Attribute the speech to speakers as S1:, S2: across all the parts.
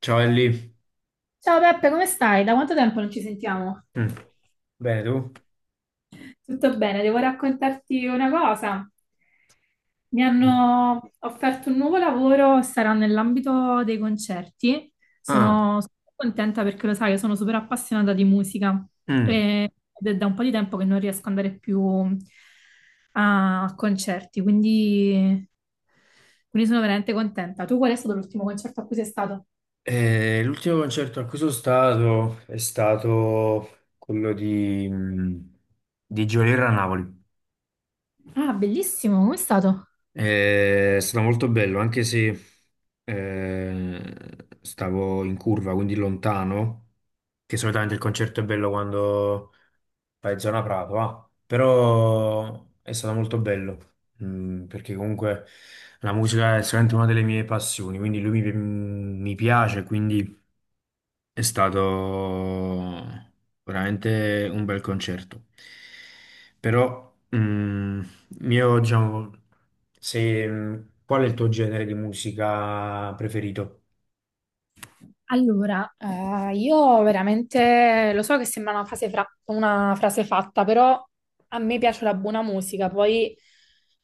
S1: Ciao Ellie.
S2: Ciao Peppe, come stai? Da quanto tempo non ci sentiamo?
S1: Mm. Bene, tu?
S2: Tutto bene, devo raccontarti una cosa. Mi
S1: Mm.
S2: hanno offerto un nuovo lavoro, sarà nell'ambito dei concerti.
S1: Ah,
S2: Sono super contenta perché lo sai, io sono super appassionata di musica
S1: mm.
S2: ed è da un po' di tempo che non riesco ad andare più a concerti, quindi sono veramente contenta. Tu qual è stato l'ultimo concerto a cui sei stato?
S1: L'ultimo concerto a cui sono stato è stato quello di di Giolirra a Napoli.
S2: Ah, bellissimo, come è stato?
S1: È stato molto bello, anche se stavo in curva, quindi lontano, che solitamente il concerto è bello quando fai zona Prato, ah. Però è stato molto bello, mm, perché comunque la musica è sicuramente una delle mie passioni, quindi lui mi piace, quindi è stato veramente un bel concerto. Però, mm, io, diciamo, se, mm, qual è il tuo genere di musica preferito?
S2: Allora, io veramente lo so che sembra una frase, una frase fatta, però a me piace la buona musica, poi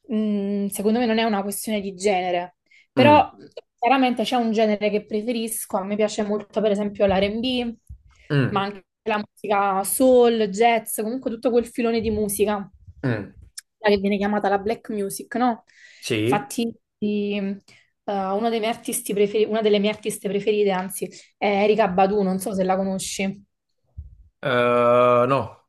S2: secondo me non è una questione di genere,
S1: Mm,
S2: però chiaramente c'è un genere che preferisco, a me piace molto per esempio l'R&B, ma
S1: mm,
S2: anche la musica soul, jazz, comunque tutto quel filone di musica,
S1: mm.
S2: quella che viene chiamata la black music, no?
S1: Sì.
S2: Infatti uno dei miei artisti preferi- una delle mie artiste preferite, anzi, è Erika Badu, non so se la conosci.
S1: No.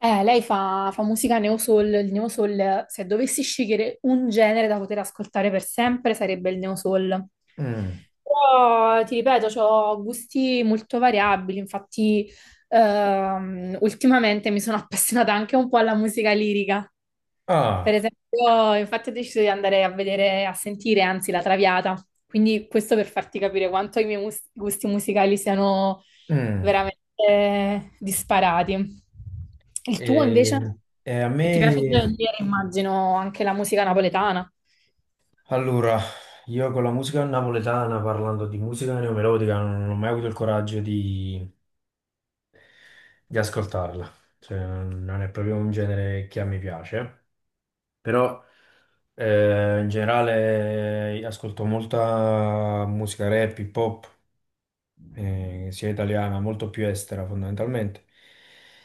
S2: Lei fa musica neo soul, il neo soul, se dovessi scegliere un genere da poter ascoltare per sempre, sarebbe il neo soul.
S1: Mm.
S2: Però, ti ripeto, ho gusti molto variabili, infatti, ultimamente mi sono appassionata anche un po' alla musica lirica. Per
S1: Ah,
S2: esempio, infatti ho deciso di andare a vedere, a sentire, anzi, la Traviata. Quindi questo per farti capire quanto i miei gusti musicali siano
S1: mm.
S2: veramente disparati. Il tuo invece?
S1: E, e a
S2: Ti piace
S1: me,
S2: dire, immagino, anche la musica napoletana.
S1: allora, io con la musica napoletana, parlando di musica neomelodica, non ho mai avuto il coraggio di ascoltarla. Cioè, non è proprio un genere che a me piace, però in generale ascolto molta musica rap, hip hop, sia italiana, molto più estera fondamentalmente.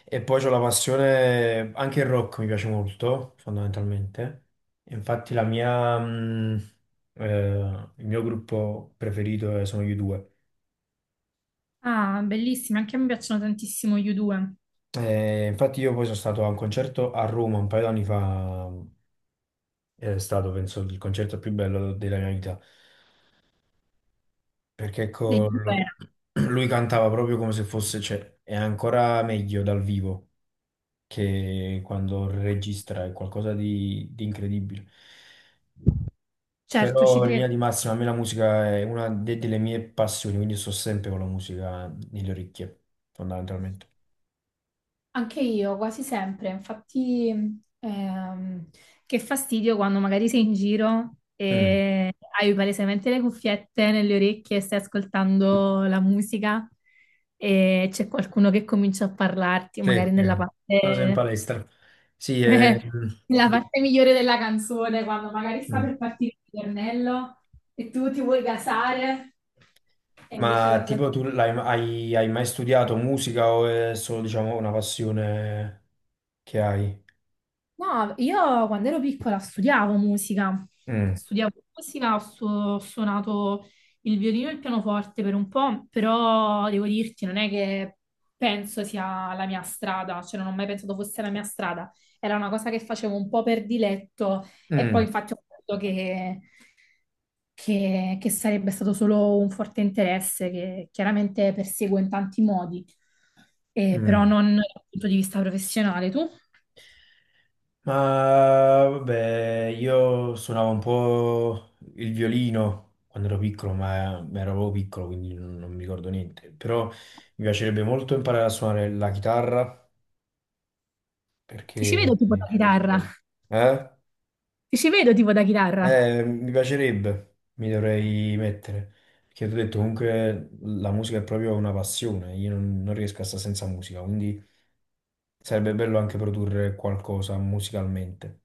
S1: E poi c'ho la passione, anche il rock mi piace molto fondamentalmente. Infatti il mio gruppo preferito sono gli U2.
S2: Ah, bellissimi, anche a me piacciono tantissimo gli U2,
S1: Infatti io poi sono stato a un concerto a Roma un paio d'anni fa, è stato penso il concerto più bello della mia vita, perché
S2: degli U2,
S1: lui cantava proprio come se fosse, cioè, è ancora meglio dal vivo che quando registra è qualcosa di incredibile.
S2: certo, ci
S1: Però in
S2: credo.
S1: linea di massima a me la musica è una delle mie passioni, quindi sto sempre con la musica nelle orecchie, fondamentalmente.
S2: Anche io, quasi sempre. Infatti, che fastidio quando magari sei in giro
S1: Mm.
S2: e hai palesemente le cuffiette nelle orecchie e stai ascoltando la musica e c'è qualcuno che comincia a parlarti,
S1: Sì,
S2: magari nella
S1: ma sei in
S2: parte,
S1: palestra. Sì,
S2: nella parte migliore della canzone, quando magari sta
S1: mm.
S2: per partire il ritornello e tu ti vuoi gasare e invece
S1: Ma
S2: la gente.
S1: tipo tu hai mai studiato musica o è solo, diciamo, una passione che hai?
S2: No, io quando ero piccola studiavo musica,
S1: Mm,
S2: ho suonato il violino e il pianoforte per un po', però devo dirti, non è che penso sia la mia strada, cioè non ho mai pensato fosse la mia strada, era una cosa che facevo un po' per diletto e poi
S1: mm,
S2: infatti ho capito che, che sarebbe stato solo un forte interesse che chiaramente perseguo in tanti modi, però
S1: mm.
S2: non dal punto di vista professionale. Tu?
S1: Ma vabbè, io suonavo un po' il violino quando ero piccolo, ma ero proprio piccolo, quindi non mi ricordo niente. Però mi piacerebbe molto imparare a suonare la chitarra
S2: Ti ci
S1: perché...
S2: vedo tipo da chitarra.
S1: Eh?
S2: Ti ci vedo tipo da chitarra.
S1: Mi piacerebbe, mi dovrei mettere. Perché ti ho detto, comunque la musica è proprio una passione, io non riesco a stare senza musica, quindi sarebbe bello anche produrre qualcosa musicalmente.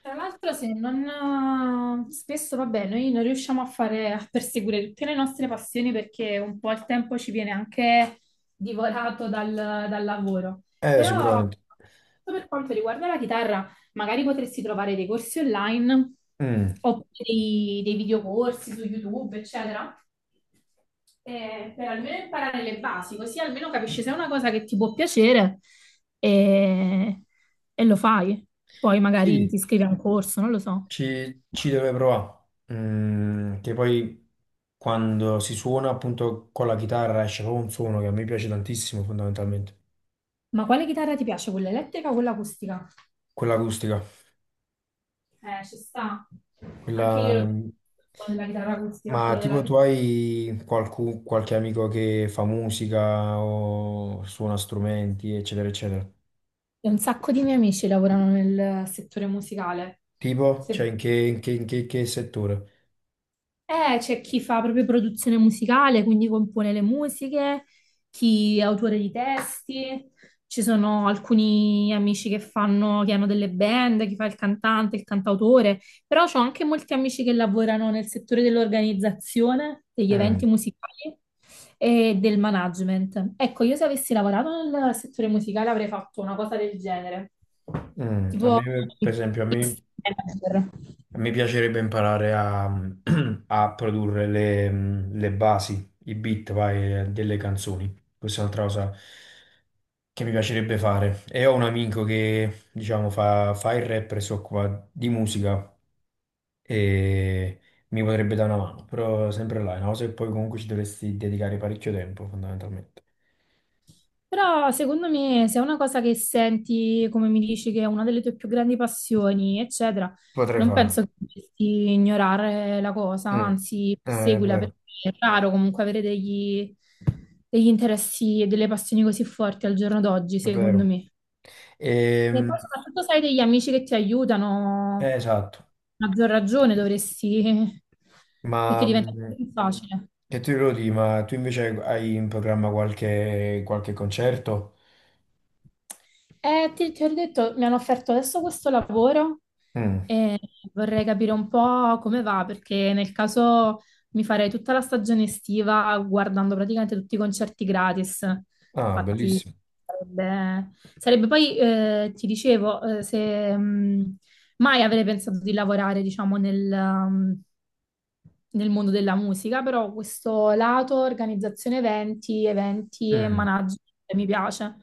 S2: Tra l'altro, se non spesso, vabbè, noi non riusciamo a fare a perseguire tutte le nostre passioni perché un po' il tempo ci viene anche divorato dal lavoro. Però,
S1: Sicuramente.
S2: per quanto riguarda la chitarra, magari potresti trovare dei corsi online
S1: Mm.
S2: oppure dei videocorsi su YouTube, eccetera, per almeno imparare le basi, così almeno capisci se è una cosa che ti può piacere e, e lo fai. Poi magari
S1: Sì,
S2: ti iscrivi a un corso, non lo so.
S1: ci deve provare. Mm, che poi quando si suona appunto con la chitarra esce proprio un suono che a me piace tantissimo fondamentalmente,
S2: Ma quale chitarra ti piace? Quella elettrica o quella acustica?
S1: quella acustica,
S2: Ci sta. Anche io,
S1: quella...
S2: lo quello della chitarra acustica,
S1: Ma
S2: quello della
S1: tipo tu
S2: chitarra.
S1: hai qualche amico che fa musica o suona strumenti, eccetera, eccetera.
S2: Un sacco di miei amici lavorano nel settore musicale.
S1: Tipo, cioè
S2: Se
S1: in che settore?
S2: C'è chi fa proprio produzione musicale, quindi compone le musiche, chi è autore di testi, ci sono alcuni amici che hanno delle band, chi fa il cantante, il cantautore, però ho anche molti amici che lavorano nel settore dell'organizzazione, degli
S1: Mm,
S2: eventi musicali e del management. Ecco, io se avessi lavorato nel settore musicale avrei fatto una cosa del genere,
S1: mm. A
S2: tipo
S1: me, per esempio, a me
S2: manager.
S1: mi piacerebbe imparare a, a produrre le basi, i beat, vai, delle canzoni. Questa è un'altra cosa che mi piacerebbe fare. E ho un amico che, diciamo, fa il rapper e si occupa di musica e mi potrebbe dare una mano, però sempre là, è una cosa che poi comunque ci dovresti dedicare parecchio tempo, fondamentalmente.
S2: Però secondo me se è una cosa che senti, come mi dici, che è una delle tue più grandi passioni, eccetera,
S1: Potrei
S2: non
S1: farlo.
S2: penso che dovresti ignorare la cosa,
S1: Mm.
S2: anzi,
S1: È
S2: perseguila
S1: vero,
S2: perché è raro comunque avere degli interessi e delle passioni così forti al giorno d'oggi,
S1: è
S2: secondo
S1: vero.
S2: me. E
S1: Ehm,
S2: poi soprattutto se hai degli amici che ti aiutano,
S1: esatto,
S2: a maggior ragione dovresti, perché
S1: ma
S2: diventa
S1: mm,
S2: più facile.
S1: che tu Elodie, ma tu invece hai in programma qualche concerto?
S2: Ti ho detto, mi hanno offerto adesso questo lavoro
S1: Mm.
S2: e vorrei capire un po' come va, perché nel caso mi farei tutta la stagione estiva guardando praticamente tutti i concerti gratis.
S1: Ah,
S2: Infatti,
S1: bellissimo.
S2: sarebbe, sarebbe poi, ti dicevo, se, mai avrei pensato di lavorare, diciamo, nel mondo della musica, però questo lato organizzazione eventi e
S1: Mm.
S2: management mi piace.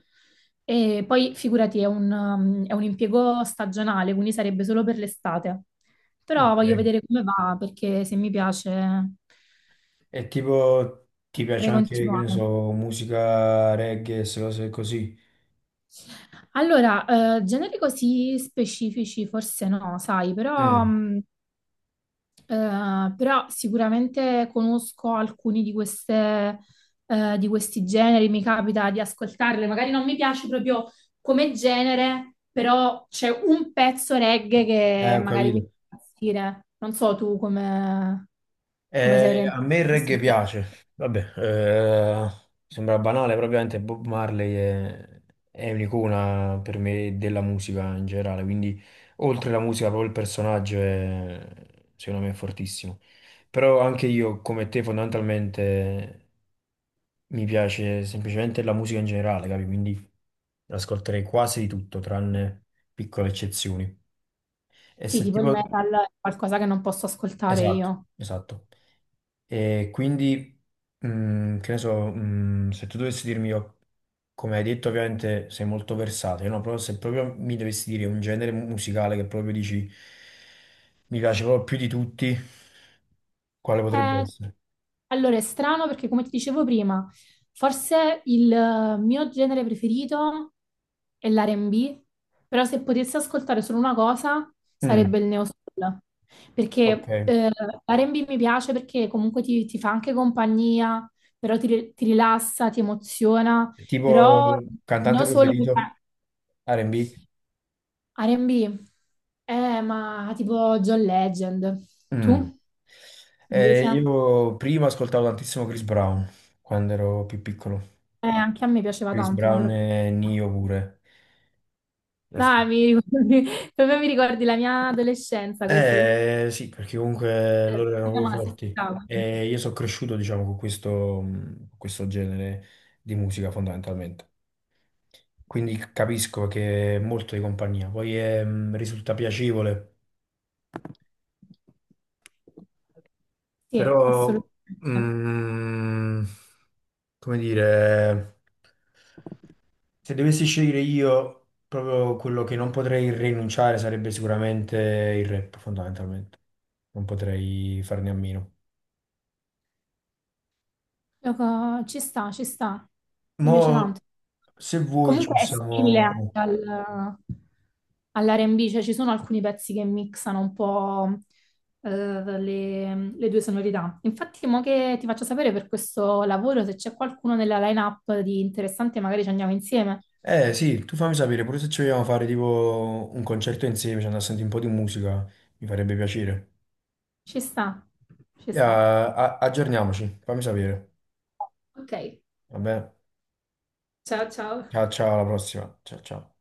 S2: E poi figurati, è un impiego stagionale, quindi sarebbe solo per l'estate.
S1: Ok.
S2: Però voglio vedere come va, perché se mi piace
S1: E tipo ti piace
S2: potrei
S1: anche, che ne
S2: continuare.
S1: so, musica reggae, se cose così?
S2: Allora, generi così specifici forse no, sai, però
S1: Mm.
S2: mh, Eh, però sicuramente conosco alcuni di questi generi, mi capita di ascoltarle, magari non mi piace proprio come genere, però c'è un pezzo reggae che
S1: Ho
S2: magari mi
S1: capito.
S2: fa impazzire. Non so tu come sei
S1: A
S2: orientato
S1: me il
S2: a questi
S1: reggae
S2: generi.
S1: piace, vabbè, sembra banale, probabilmente Bob Marley è un'icona per me della musica in generale, quindi oltre la musica proprio il personaggio è, secondo me è fortissimo. Però anche io, come te, fondamentalmente mi piace semplicemente la musica in generale, capi? Quindi ascolterei quasi di tutto, tranne piccole eccezioni. E
S2: Sì,
S1: se
S2: tipo il
S1: tipo...
S2: metal è qualcosa che non posso ascoltare
S1: Esatto,
S2: io.
S1: esatto. E quindi, mm, che ne so, mm, se tu dovessi dirmi, io, come hai detto, ovviamente sei molto versatile, no? Però se proprio mi dovessi dire un genere musicale che proprio dici mi piace proprio più di tutti, quale potrebbe
S2: Eh,
S1: essere?
S2: allora, è strano perché, come ti dicevo prima, forse il mio genere preferito è l'R&B, però se potessi ascoltare solo una cosa
S1: Mm,
S2: sarebbe il neo soul,
S1: ok.
S2: perché l'R&B mi piace perché comunque ti fa anche compagnia, però ti rilassa, ti emoziona,
S1: Tipo
S2: però il neo
S1: cantante
S2: soul mi fa.
S1: preferito? R&B?
S2: R&B, ma tipo John Legend. Tu,
S1: Mm.
S2: invece?
S1: Io prima ascoltavo tantissimo Chris Brown, quando ero più piccolo.
S2: Anche a me piaceva
S1: Chris
S2: tanto quando
S1: Brown
S2: ero
S1: e
S2: piccola.
S1: Nio pure. Li
S2: Dai,
S1: ascoltavo.
S2: mi ricordi- proprio mi ricordi la mia adolescenza così.
S1: Eh sì, perché comunque loro erano
S2: Ma si
S1: forti
S2: stava.
S1: e io sono cresciuto, diciamo, con questo genere di musica fondamentalmente. Quindi capisco che è molto di compagnia, poi è, risulta piacevole,
S2: Sì,
S1: però,
S2: assolutamente.
S1: mh, come dire, se dovessi scegliere io, proprio quello che non potrei rinunciare sarebbe sicuramente il rap, fondamentalmente. Non potrei farne a meno.
S2: Ci sta, ci sta. Mi
S1: Mo,
S2: piace tanto.
S1: se vuoi ci
S2: Comunque è simile anche
S1: possiamo...
S2: all'R&B, cioè ci sono alcuni pezzi che mixano un po', eh, le due sonorità. Infatti, mo che ti faccio sapere per questo lavoro, se c'è qualcuno nella line-up di interessante, magari ci andiamo insieme.
S1: Eh sì, tu fammi sapere, pure se ci vogliamo fare tipo un concerto insieme, ci andiamo a sentire un po' di musica, mi farebbe piacere.
S2: Ci sta, ci
S1: Ya,
S2: sta.
S1: aggiorniamoci, fammi sapere.
S2: Ok,
S1: Vabbè,
S2: ciao ciao.
S1: ciao, ciao, alla prossima. Ciao, ciao.